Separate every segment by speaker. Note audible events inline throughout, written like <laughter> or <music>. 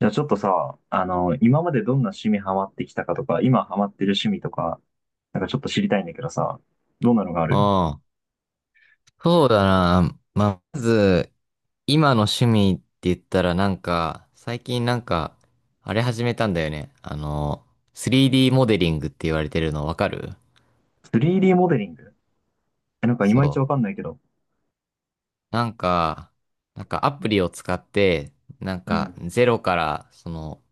Speaker 1: じゃあちょっとさ、今までどんな趣味ハマってきたかとか、今ハマってる趣味とか、なんかちょっと知りたいんだけどさ、どんなのがある？
Speaker 2: ああ、そうだな。まあ、まず、今の趣味って言ったらなんか、最近なんか、あれ始めたんだよね。3D モデリングって言われてるのわかる？
Speaker 1: 3D モデリング？え、なんかい
Speaker 2: そ
Speaker 1: まいちわ
Speaker 2: う。
Speaker 1: かんないけど。
Speaker 2: なんか、なんかアプリを使って、なん
Speaker 1: う
Speaker 2: か
Speaker 1: ん、
Speaker 2: ゼロから、その、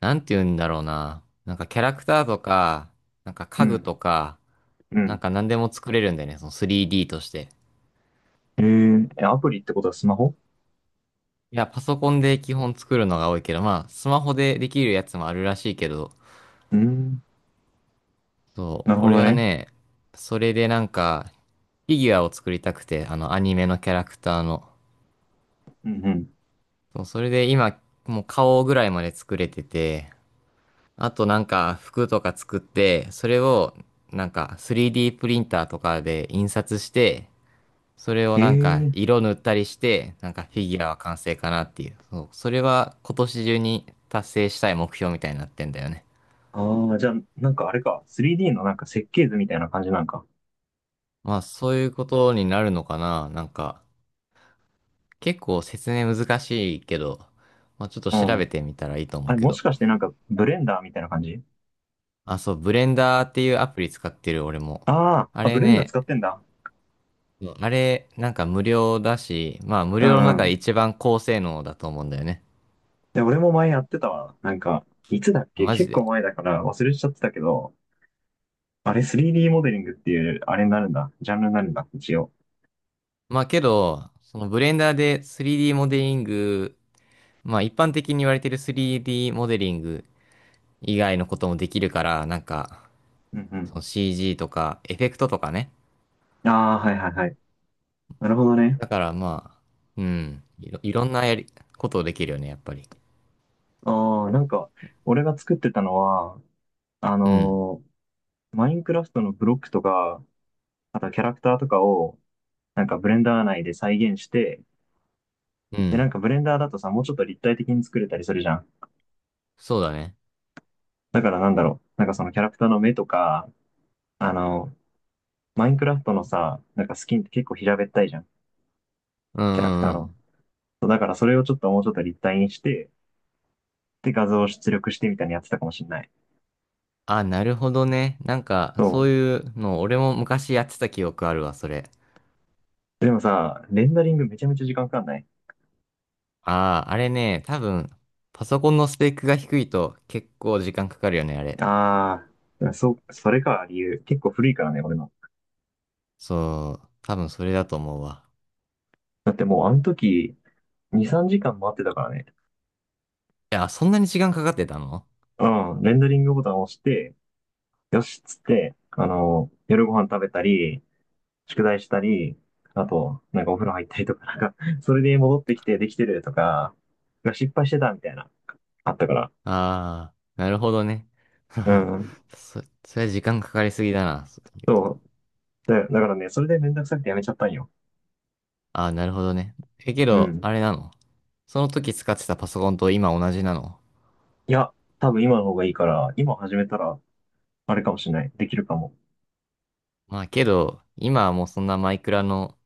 Speaker 2: なんて言うんだろうな。なんかキャラクターとか、なんか
Speaker 1: う
Speaker 2: 家具
Speaker 1: ん、
Speaker 2: とか、
Speaker 1: う
Speaker 2: なん
Speaker 1: ん。
Speaker 2: か何でも作れるんだよね。その 3D として。
Speaker 1: え、アプリってことはスマホ？
Speaker 2: いや、パソコンで基本作るのが多いけど、まあ、スマホでできるやつもあるらしいけど、
Speaker 1: うん、
Speaker 2: そ
Speaker 1: な
Speaker 2: う、
Speaker 1: るほ
Speaker 2: 俺
Speaker 1: ど
Speaker 2: は
Speaker 1: ね。
Speaker 2: ね、それでなんか、フィギュアを作りたくて、アニメのキャラクターの。
Speaker 1: うん、うん。
Speaker 2: そう、それで今、もう顔ぐらいまで作れてて、あとなんか、服とか作って、それを、なんか、3D プリンターとかで印刷して、それを
Speaker 1: え
Speaker 2: なんか、
Speaker 1: ー、
Speaker 2: 色塗ったりして、なんか、フィギュアは完成かなっていう。そう、それは今年中に達成したい目標みたいになってんだよね。
Speaker 1: ああ、じゃあなんかあれか、3D のなんか設計図みたいな感じなんか？
Speaker 2: まあ、そういうことになるのかな。なんか、結構説明難しいけど、まあ、ちょっと
Speaker 1: う
Speaker 2: 調べ
Speaker 1: ん。
Speaker 2: てみたらいいと
Speaker 1: あ
Speaker 2: 思う
Speaker 1: れ
Speaker 2: け
Speaker 1: も
Speaker 2: ど。
Speaker 1: しかしてなんかブレンダーみたいな感じ？
Speaker 2: あ、そう、ブレンダーっていうアプリ使ってる俺も。
Speaker 1: ああー、
Speaker 2: あ
Speaker 1: あ、
Speaker 2: れ
Speaker 1: ブレンダー
Speaker 2: ね、
Speaker 1: 使ってんだ。
Speaker 2: そうあれ、なんか無料だし、まあ、無
Speaker 1: う
Speaker 2: 料の中で
Speaker 1: ん。
Speaker 2: 一番高性能だと思うんだよね。
Speaker 1: で、俺も前やってたわ。なんか、いつだっ
Speaker 2: あ
Speaker 1: け
Speaker 2: マジ
Speaker 1: 結構
Speaker 2: で。
Speaker 1: 前だから忘れちゃってたけど、あれ 3D モデリングっていう、あれになるんだ。ジャンルになるんだ、一応。
Speaker 2: まあ、けど、そのブレンダーで 3D モデリング、まあ、一般的に言われてる 3D モデリング以外のこともできるから、なんか、
Speaker 1: うんう
Speaker 2: そ
Speaker 1: ん。
Speaker 2: の CG とか、エフェクトとかね。
Speaker 1: ああ、はいはいはい。なるほどね。
Speaker 2: だからまあ、うん。いろんなことをできるよね、やっぱり。
Speaker 1: ああ、なんか、俺が作ってたのは、あ
Speaker 2: うん。
Speaker 1: のーマインクラフトのブロックとか、あとキャラクターとかを、なんかブレンダー内で再現して、
Speaker 2: う
Speaker 1: で、なん
Speaker 2: ん。
Speaker 1: かブレンダーだとさ、もうちょっと立体的に作れたりするじゃん。
Speaker 2: そうだね。
Speaker 1: だからなんだろう。なんかそのキャラクターの目とか、あの、マインクラフトのさ、なんかスキンって結構平べったいじゃん。
Speaker 2: うん
Speaker 1: キャラクタ
Speaker 2: うん
Speaker 1: ー
Speaker 2: う
Speaker 1: の。
Speaker 2: ん。
Speaker 1: そうだからそれをちょっともうちょっと立体にして、で、画像を出力してみたいにやってたかもしんない。
Speaker 2: あ、なるほどね。なんか、
Speaker 1: そ
Speaker 2: そういうの、俺も昔やってた記憶あるわ、それ。
Speaker 1: う。でもさ、レンダリングめちゃめちゃ時間かかんない？
Speaker 2: ああ、あれね、多分、パソコンのスペックが低いと結構時間かかるよね、あれ。
Speaker 1: ああ、そう、それか、理由。結構古いからね、俺の。
Speaker 2: そう、多分それだと思うわ。
Speaker 1: だってもうあの時、2、3時間待ってたからね。
Speaker 2: いや、そんなに時間かかってたの？
Speaker 1: うん、レンダリングボタンを押して、よしっつって、夜ご飯食べたり、宿題したり、あと、なんかお風呂入ったりとか、なんか、それで戻ってきてできてるとか、失敗してたみたいな、あったから。
Speaker 2: ああー、なるほどね。
Speaker 1: う
Speaker 2: <laughs>
Speaker 1: ん。
Speaker 2: それ時間かかりすぎだな。
Speaker 1: そう。だからね、それでめんどくさくてやめちゃったんよ。
Speaker 2: ああ、なるほどね。え、け
Speaker 1: う
Speaker 2: ど、
Speaker 1: ん。
Speaker 2: あれなの？その時使ってたパソコンと今同じなの？
Speaker 1: いや、多分今の方がいいから、今始めたら、あれかもしれない。できるかも。
Speaker 2: まあけど、今はもうそんなマイクラの、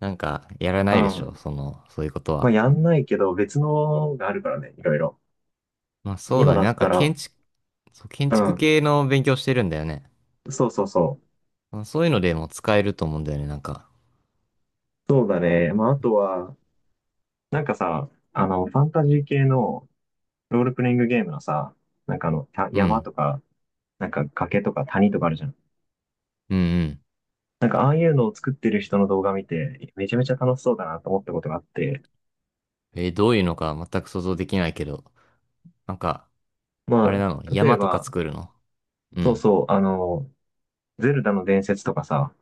Speaker 2: なんか、やら
Speaker 1: う
Speaker 2: ないでしょ
Speaker 1: ん。
Speaker 2: その、そういうこと
Speaker 1: まあ、
Speaker 2: は。
Speaker 1: やんないけど、別のがあるからね、いろいろ。
Speaker 2: まあそうだ
Speaker 1: 今だ
Speaker 2: ね。な
Speaker 1: っ
Speaker 2: ん
Speaker 1: た
Speaker 2: か
Speaker 1: ら、
Speaker 2: 建築、そう、建
Speaker 1: う
Speaker 2: 築
Speaker 1: ん。
Speaker 2: 系の勉強してるんだよね。
Speaker 1: そうそうそう。
Speaker 2: まあ、そういうのでも使えると思うんだよね、なんか。
Speaker 1: そうだね。まあ、あとは、なんかさ、ファンタジー系の、ロールプレイングゲームのさ、なんか
Speaker 2: う
Speaker 1: 山
Speaker 2: ん。
Speaker 1: とか、なんか崖とか谷とかあるじゃん。
Speaker 2: うんうん。
Speaker 1: なんかああいうのを作ってる人の動画見て、めちゃめちゃ楽しそうだなと思ったことがあって、
Speaker 2: どういうのか全く想像できないけど。なんか、あれ
Speaker 1: ま
Speaker 2: なの
Speaker 1: あ、例え
Speaker 2: 山とか
Speaker 1: ば、
Speaker 2: 作るの？う
Speaker 1: そう
Speaker 2: ん。
Speaker 1: そう、ゼルダの伝説とかさ、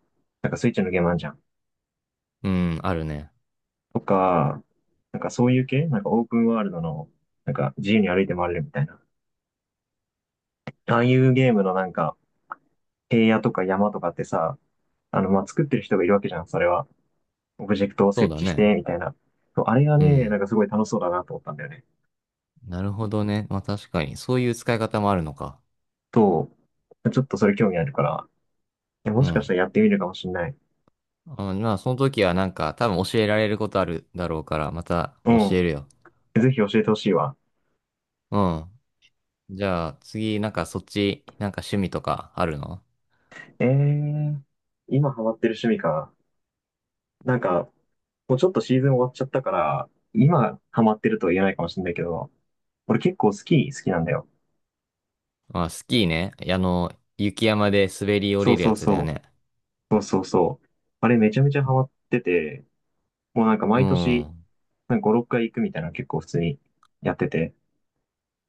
Speaker 1: なんかスイッチのゲームあんじゃん。
Speaker 2: うん、あるね。
Speaker 1: とか、なんかそういう系なんかオープンワールドの、なんか自由に歩いて回れるみたいな。ああいうゲームのなんか、平野とか山とかってさ、まあ、作ってる人がいるわけじゃん、それは。オブジェクトを
Speaker 2: そう
Speaker 1: 設
Speaker 2: だ
Speaker 1: 置し
Speaker 2: ね。
Speaker 1: て、みたいな。そうあれが
Speaker 2: う
Speaker 1: ね、な
Speaker 2: ん。
Speaker 1: んかすごい楽しそうだなと思ったんだよね。
Speaker 2: なるほどね。まあ確かに、そういう使い方もあるのか。
Speaker 1: と、ちょっとそれ興味あるから、も
Speaker 2: う
Speaker 1: しかし
Speaker 2: ん。
Speaker 1: たらやってみるかもしんない。
Speaker 2: あまあその時はなんか多分教えられることあるだろうから、また
Speaker 1: う
Speaker 2: 教え
Speaker 1: ん。
Speaker 2: るよ。
Speaker 1: ぜひ教えてほしいわ。
Speaker 2: うん。じゃあ次、なんかそっち、なんか趣味とかあるの？
Speaker 1: えー、今ハマってる趣味か。なんか、もうちょっとシーズン終わっちゃったから、今ハマってるとは言えないかもしんないけど、俺結構スキー好きなんだよ。
Speaker 2: まあ、スキーね。あの、雪山で滑り降
Speaker 1: そう
Speaker 2: りる
Speaker 1: そ
Speaker 2: や
Speaker 1: う
Speaker 2: つだよ
Speaker 1: そ
Speaker 2: ね。
Speaker 1: う。そうそうそう。あれめちゃめちゃハマってて、もうなんか
Speaker 2: う
Speaker 1: 毎年、
Speaker 2: ん。
Speaker 1: なんか5、6回行くみたいなの結構普通にやってて、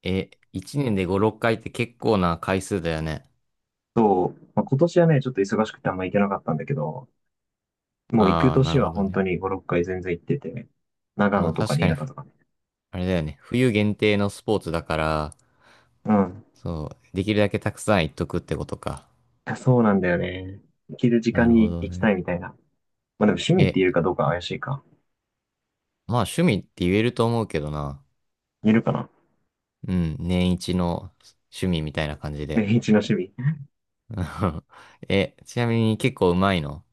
Speaker 2: え、1年で5、6回って結構な回数だよね。
Speaker 1: そう、まあ、今年はね、ちょっと忙しくてあんま行けなかったんだけど、もう行く
Speaker 2: ああ、な
Speaker 1: 年
Speaker 2: るほ
Speaker 1: は
Speaker 2: ど
Speaker 1: 本当
Speaker 2: ね。
Speaker 1: に5、6回全然行ってて、長
Speaker 2: ま
Speaker 1: 野
Speaker 2: あ
Speaker 1: とか
Speaker 2: 確
Speaker 1: 新
Speaker 2: かに、
Speaker 1: 潟とかね。
Speaker 2: あれだよね。冬限定のスポーツだから、
Speaker 1: うん。
Speaker 2: そう、できるだけたくさん行っとくってことか。
Speaker 1: いやそうなんだよね。行ける時
Speaker 2: な
Speaker 1: 間
Speaker 2: るほ
Speaker 1: に
Speaker 2: ど
Speaker 1: 行きた
Speaker 2: ね。
Speaker 1: いみたいな。まあでも趣味って
Speaker 2: え、
Speaker 1: 言うかどうか怪しいか。
Speaker 2: まあ趣味って言えると思うけどな。
Speaker 1: 言えるかな？
Speaker 2: うん、年一の趣味みたいな感じ
Speaker 1: <laughs>
Speaker 2: で。
Speaker 1: 年一の趣味。
Speaker 2: うん <laughs> え、ちなみに結構うまいの？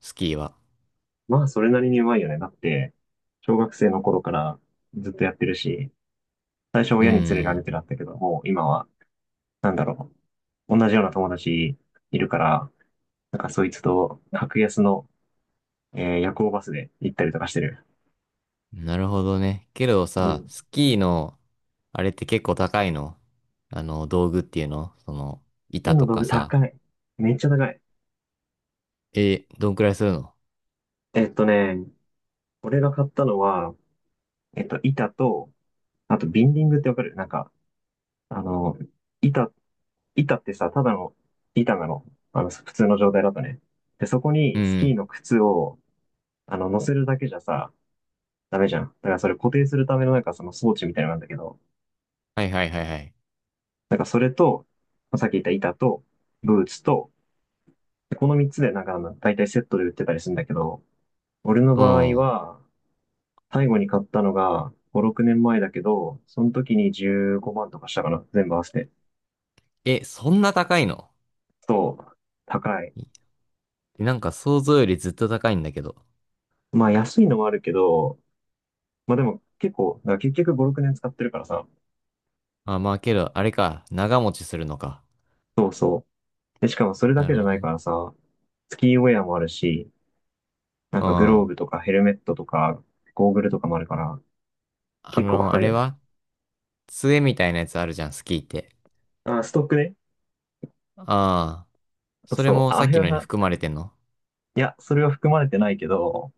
Speaker 2: スキーは。
Speaker 1: まあそれなりにうまいよね。だって、小学生の頃からずっとやってるし、最初
Speaker 2: う
Speaker 1: 親に連れられ
Speaker 2: ん、
Speaker 1: てだったけど、もう今は、なんだろう。同じような友達いるから、なんかそいつと格安の、夜行バスで行ったりとかしてる。
Speaker 2: なるほどね。けど
Speaker 1: う
Speaker 2: さ、
Speaker 1: ん。
Speaker 2: スキーの、あれって結構高いの？あの、道具っていうのその、
Speaker 1: 木
Speaker 2: 板
Speaker 1: の
Speaker 2: と
Speaker 1: 道
Speaker 2: か
Speaker 1: 具
Speaker 2: さ。
Speaker 1: 高い。めっちゃ高い。
Speaker 2: え、どんくらいするの？
Speaker 1: えっとね、俺が買ったのは、板と、あと、ビンディングってわかる？なんか、あの、板、板ってさ、ただの板なの。普通の状態だとね。で、そこ
Speaker 2: うん
Speaker 1: にス
Speaker 2: う
Speaker 1: キー
Speaker 2: ん。
Speaker 1: の靴を、乗せるだけじゃさ、ダメじゃん。だからそれ固定するためのなんかその装置みたいなのなんだけど、
Speaker 2: はいはいはいはい。
Speaker 1: なんかそれと、まあさっき言った板と、ブーツと、でこの3つでなんか大体セットで売ってたりするんだけど、俺の
Speaker 2: う
Speaker 1: 場合
Speaker 2: ん。
Speaker 1: は、最後に買ったのが5、6年前だけど、その時に15万とかしたかな、全部合わせて。
Speaker 2: え、そんな高いの？
Speaker 1: そう、高い。
Speaker 2: なんか想像よりずっと高いんだけど。
Speaker 1: まあ安いのもあるけど、まあでも結構、だから結局5、6年使ってるからさ、
Speaker 2: あ、まあけど、あれか、長持ちするのか。
Speaker 1: そうそう。で、しかもそれだ
Speaker 2: な
Speaker 1: け
Speaker 2: る
Speaker 1: じゃ
Speaker 2: ほ
Speaker 1: な
Speaker 2: ど
Speaker 1: いか
Speaker 2: ね。
Speaker 1: らさ、スキーウェアもあるし、なん
Speaker 2: うん。
Speaker 1: かグロー
Speaker 2: あ
Speaker 1: ブとかヘルメットとか、ゴーグルとかもあるから、結構か
Speaker 2: の、
Speaker 1: か
Speaker 2: あ
Speaker 1: る
Speaker 2: れ
Speaker 1: よね。
Speaker 2: は杖みたいなやつあるじゃん、スキーって。
Speaker 1: あ、ストックね。
Speaker 2: ああ、
Speaker 1: そう
Speaker 2: それ
Speaker 1: そう。
Speaker 2: も
Speaker 1: あ
Speaker 2: さ
Speaker 1: あ
Speaker 2: っ
Speaker 1: れ
Speaker 2: き
Speaker 1: は
Speaker 2: のに
Speaker 1: な、
Speaker 2: 含まれてんの？
Speaker 1: いや、それは含まれてないけど、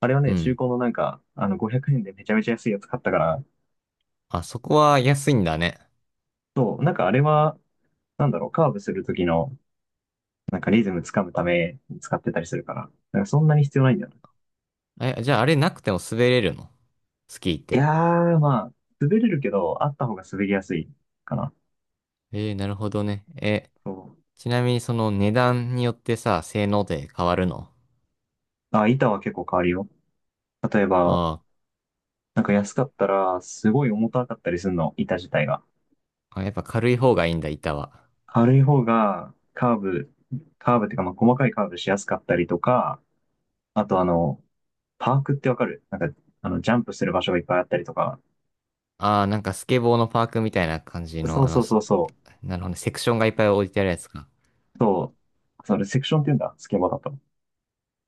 Speaker 1: あれは
Speaker 2: う
Speaker 1: ね、中
Speaker 2: ん。
Speaker 1: 古のなんか、500円でめちゃめちゃ安いやつ買ったから、
Speaker 2: あ、そこは安いんだね。
Speaker 1: そう、なんかあれは、なんだろう、カーブする時の、なんかリズムつかむために使ってたりするから、なんかそんなに必要ないんだよね。
Speaker 2: え、じゃああれなくても滑れるの？スキーっ
Speaker 1: い
Speaker 2: て。
Speaker 1: やー、まあ、滑れるけど、あった方が滑りやすいかな。
Speaker 2: えー、なるほどね。え、
Speaker 1: そう。
Speaker 2: ちなみにその値段によってさ、性能で変わるの？
Speaker 1: あ、板は結構変わるよ。例えば、
Speaker 2: あ
Speaker 1: なんか安かったら、すごい重たかったりするの、板自体が。
Speaker 2: ーあ、やっぱ軽い方がいいんだ、板は。
Speaker 1: 軽い方が、カーブっていうか、まあ、細かいカーブしやすかったりとか、あとパークってわかる？なんか、ジャンプする場所がいっぱいあったりとか。
Speaker 2: ああ、なんかスケボーのパークみたいな感じ
Speaker 1: そ
Speaker 2: の、
Speaker 1: うそうそうそ
Speaker 2: なるほどね、セクションがいっぱい置いてあるやつか。
Speaker 1: う。そう。それ、セクションって言うんだ。スケボーだと。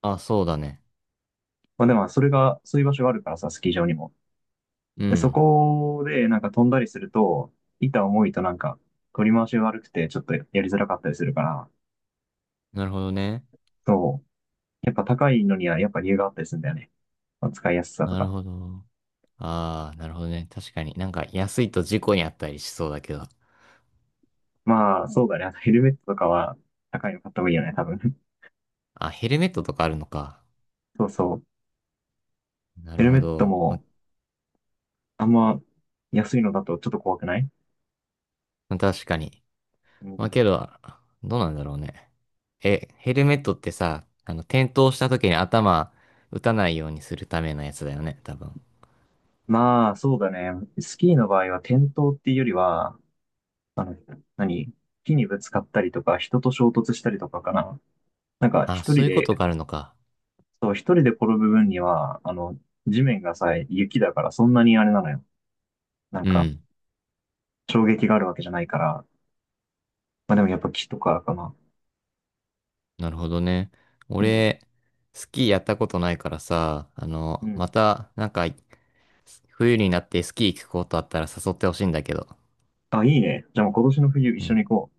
Speaker 2: あ、そうだね。
Speaker 1: まあでも、それが、そういう場所があるからさ、スキー場にも。
Speaker 2: う
Speaker 1: で、そ
Speaker 2: ん。
Speaker 1: こで、なんか飛んだりすると、板重いとなんか、取り回しが悪くて、ちょっとやりづらかったりするから、
Speaker 2: なるほどね。
Speaker 1: そう。やっぱ高いのには、やっぱ理由があったりするんだよね。まあ、使いやすさと
Speaker 2: なる
Speaker 1: か。
Speaker 2: ほど。ああ、なるほどね。確かに。なんか安いと事故にあったりしそうだけど。
Speaker 1: まあ、そうだね。あとヘルメットとかは、高いの買った方がいいよね、多分。<laughs>
Speaker 2: あ、ヘルメットとかあるのか。
Speaker 1: そうそう。
Speaker 2: な
Speaker 1: ヘ
Speaker 2: る
Speaker 1: ル
Speaker 2: ほ
Speaker 1: メット
Speaker 2: ど。ま、
Speaker 1: も、あんま、安いのだとちょっと怖くない？
Speaker 2: ま確かに。
Speaker 1: う
Speaker 2: まあ
Speaker 1: ん。
Speaker 2: けど、どうなんだろうね。え、ヘルメットってさ、あの、転倒した時に頭打たないようにするためのやつだよね、多分。
Speaker 1: まあ、そうだね。スキーの場合は、転倒っていうよりは、あの、何木にぶつかったりとか、人と衝突したりとかかな。なんか
Speaker 2: あ、
Speaker 1: 一
Speaker 2: そう
Speaker 1: 人
Speaker 2: いうこ
Speaker 1: で、
Speaker 2: とがあるのか。
Speaker 1: そう、一人で転ぶ分には、地面がさ、雪だからそんなにあれなのよ。なん
Speaker 2: う
Speaker 1: か、
Speaker 2: ん。
Speaker 1: 衝撃があるわけじゃないから。まあでもやっぱ木とかかな。
Speaker 2: なるほどね。
Speaker 1: うん。
Speaker 2: 俺、スキーやったことないからさ、あ
Speaker 1: う
Speaker 2: の、ま
Speaker 1: ん。
Speaker 2: た、なんか、冬になってスキー行くことあったら誘ってほしいんだけど。
Speaker 1: あ、いいね。じゃあもう今年の冬一
Speaker 2: う
Speaker 1: 緒
Speaker 2: ん。
Speaker 1: に行こ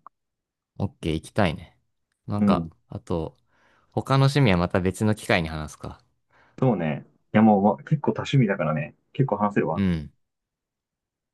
Speaker 2: オッケー、行きたいね。なん
Speaker 1: う。う
Speaker 2: か、
Speaker 1: ん。
Speaker 2: あと、他の趣味はまた別の機会に話すか。
Speaker 1: そうね。いやもう、ま結構多趣味だからね。結構話せる
Speaker 2: う
Speaker 1: わ。
Speaker 2: ん。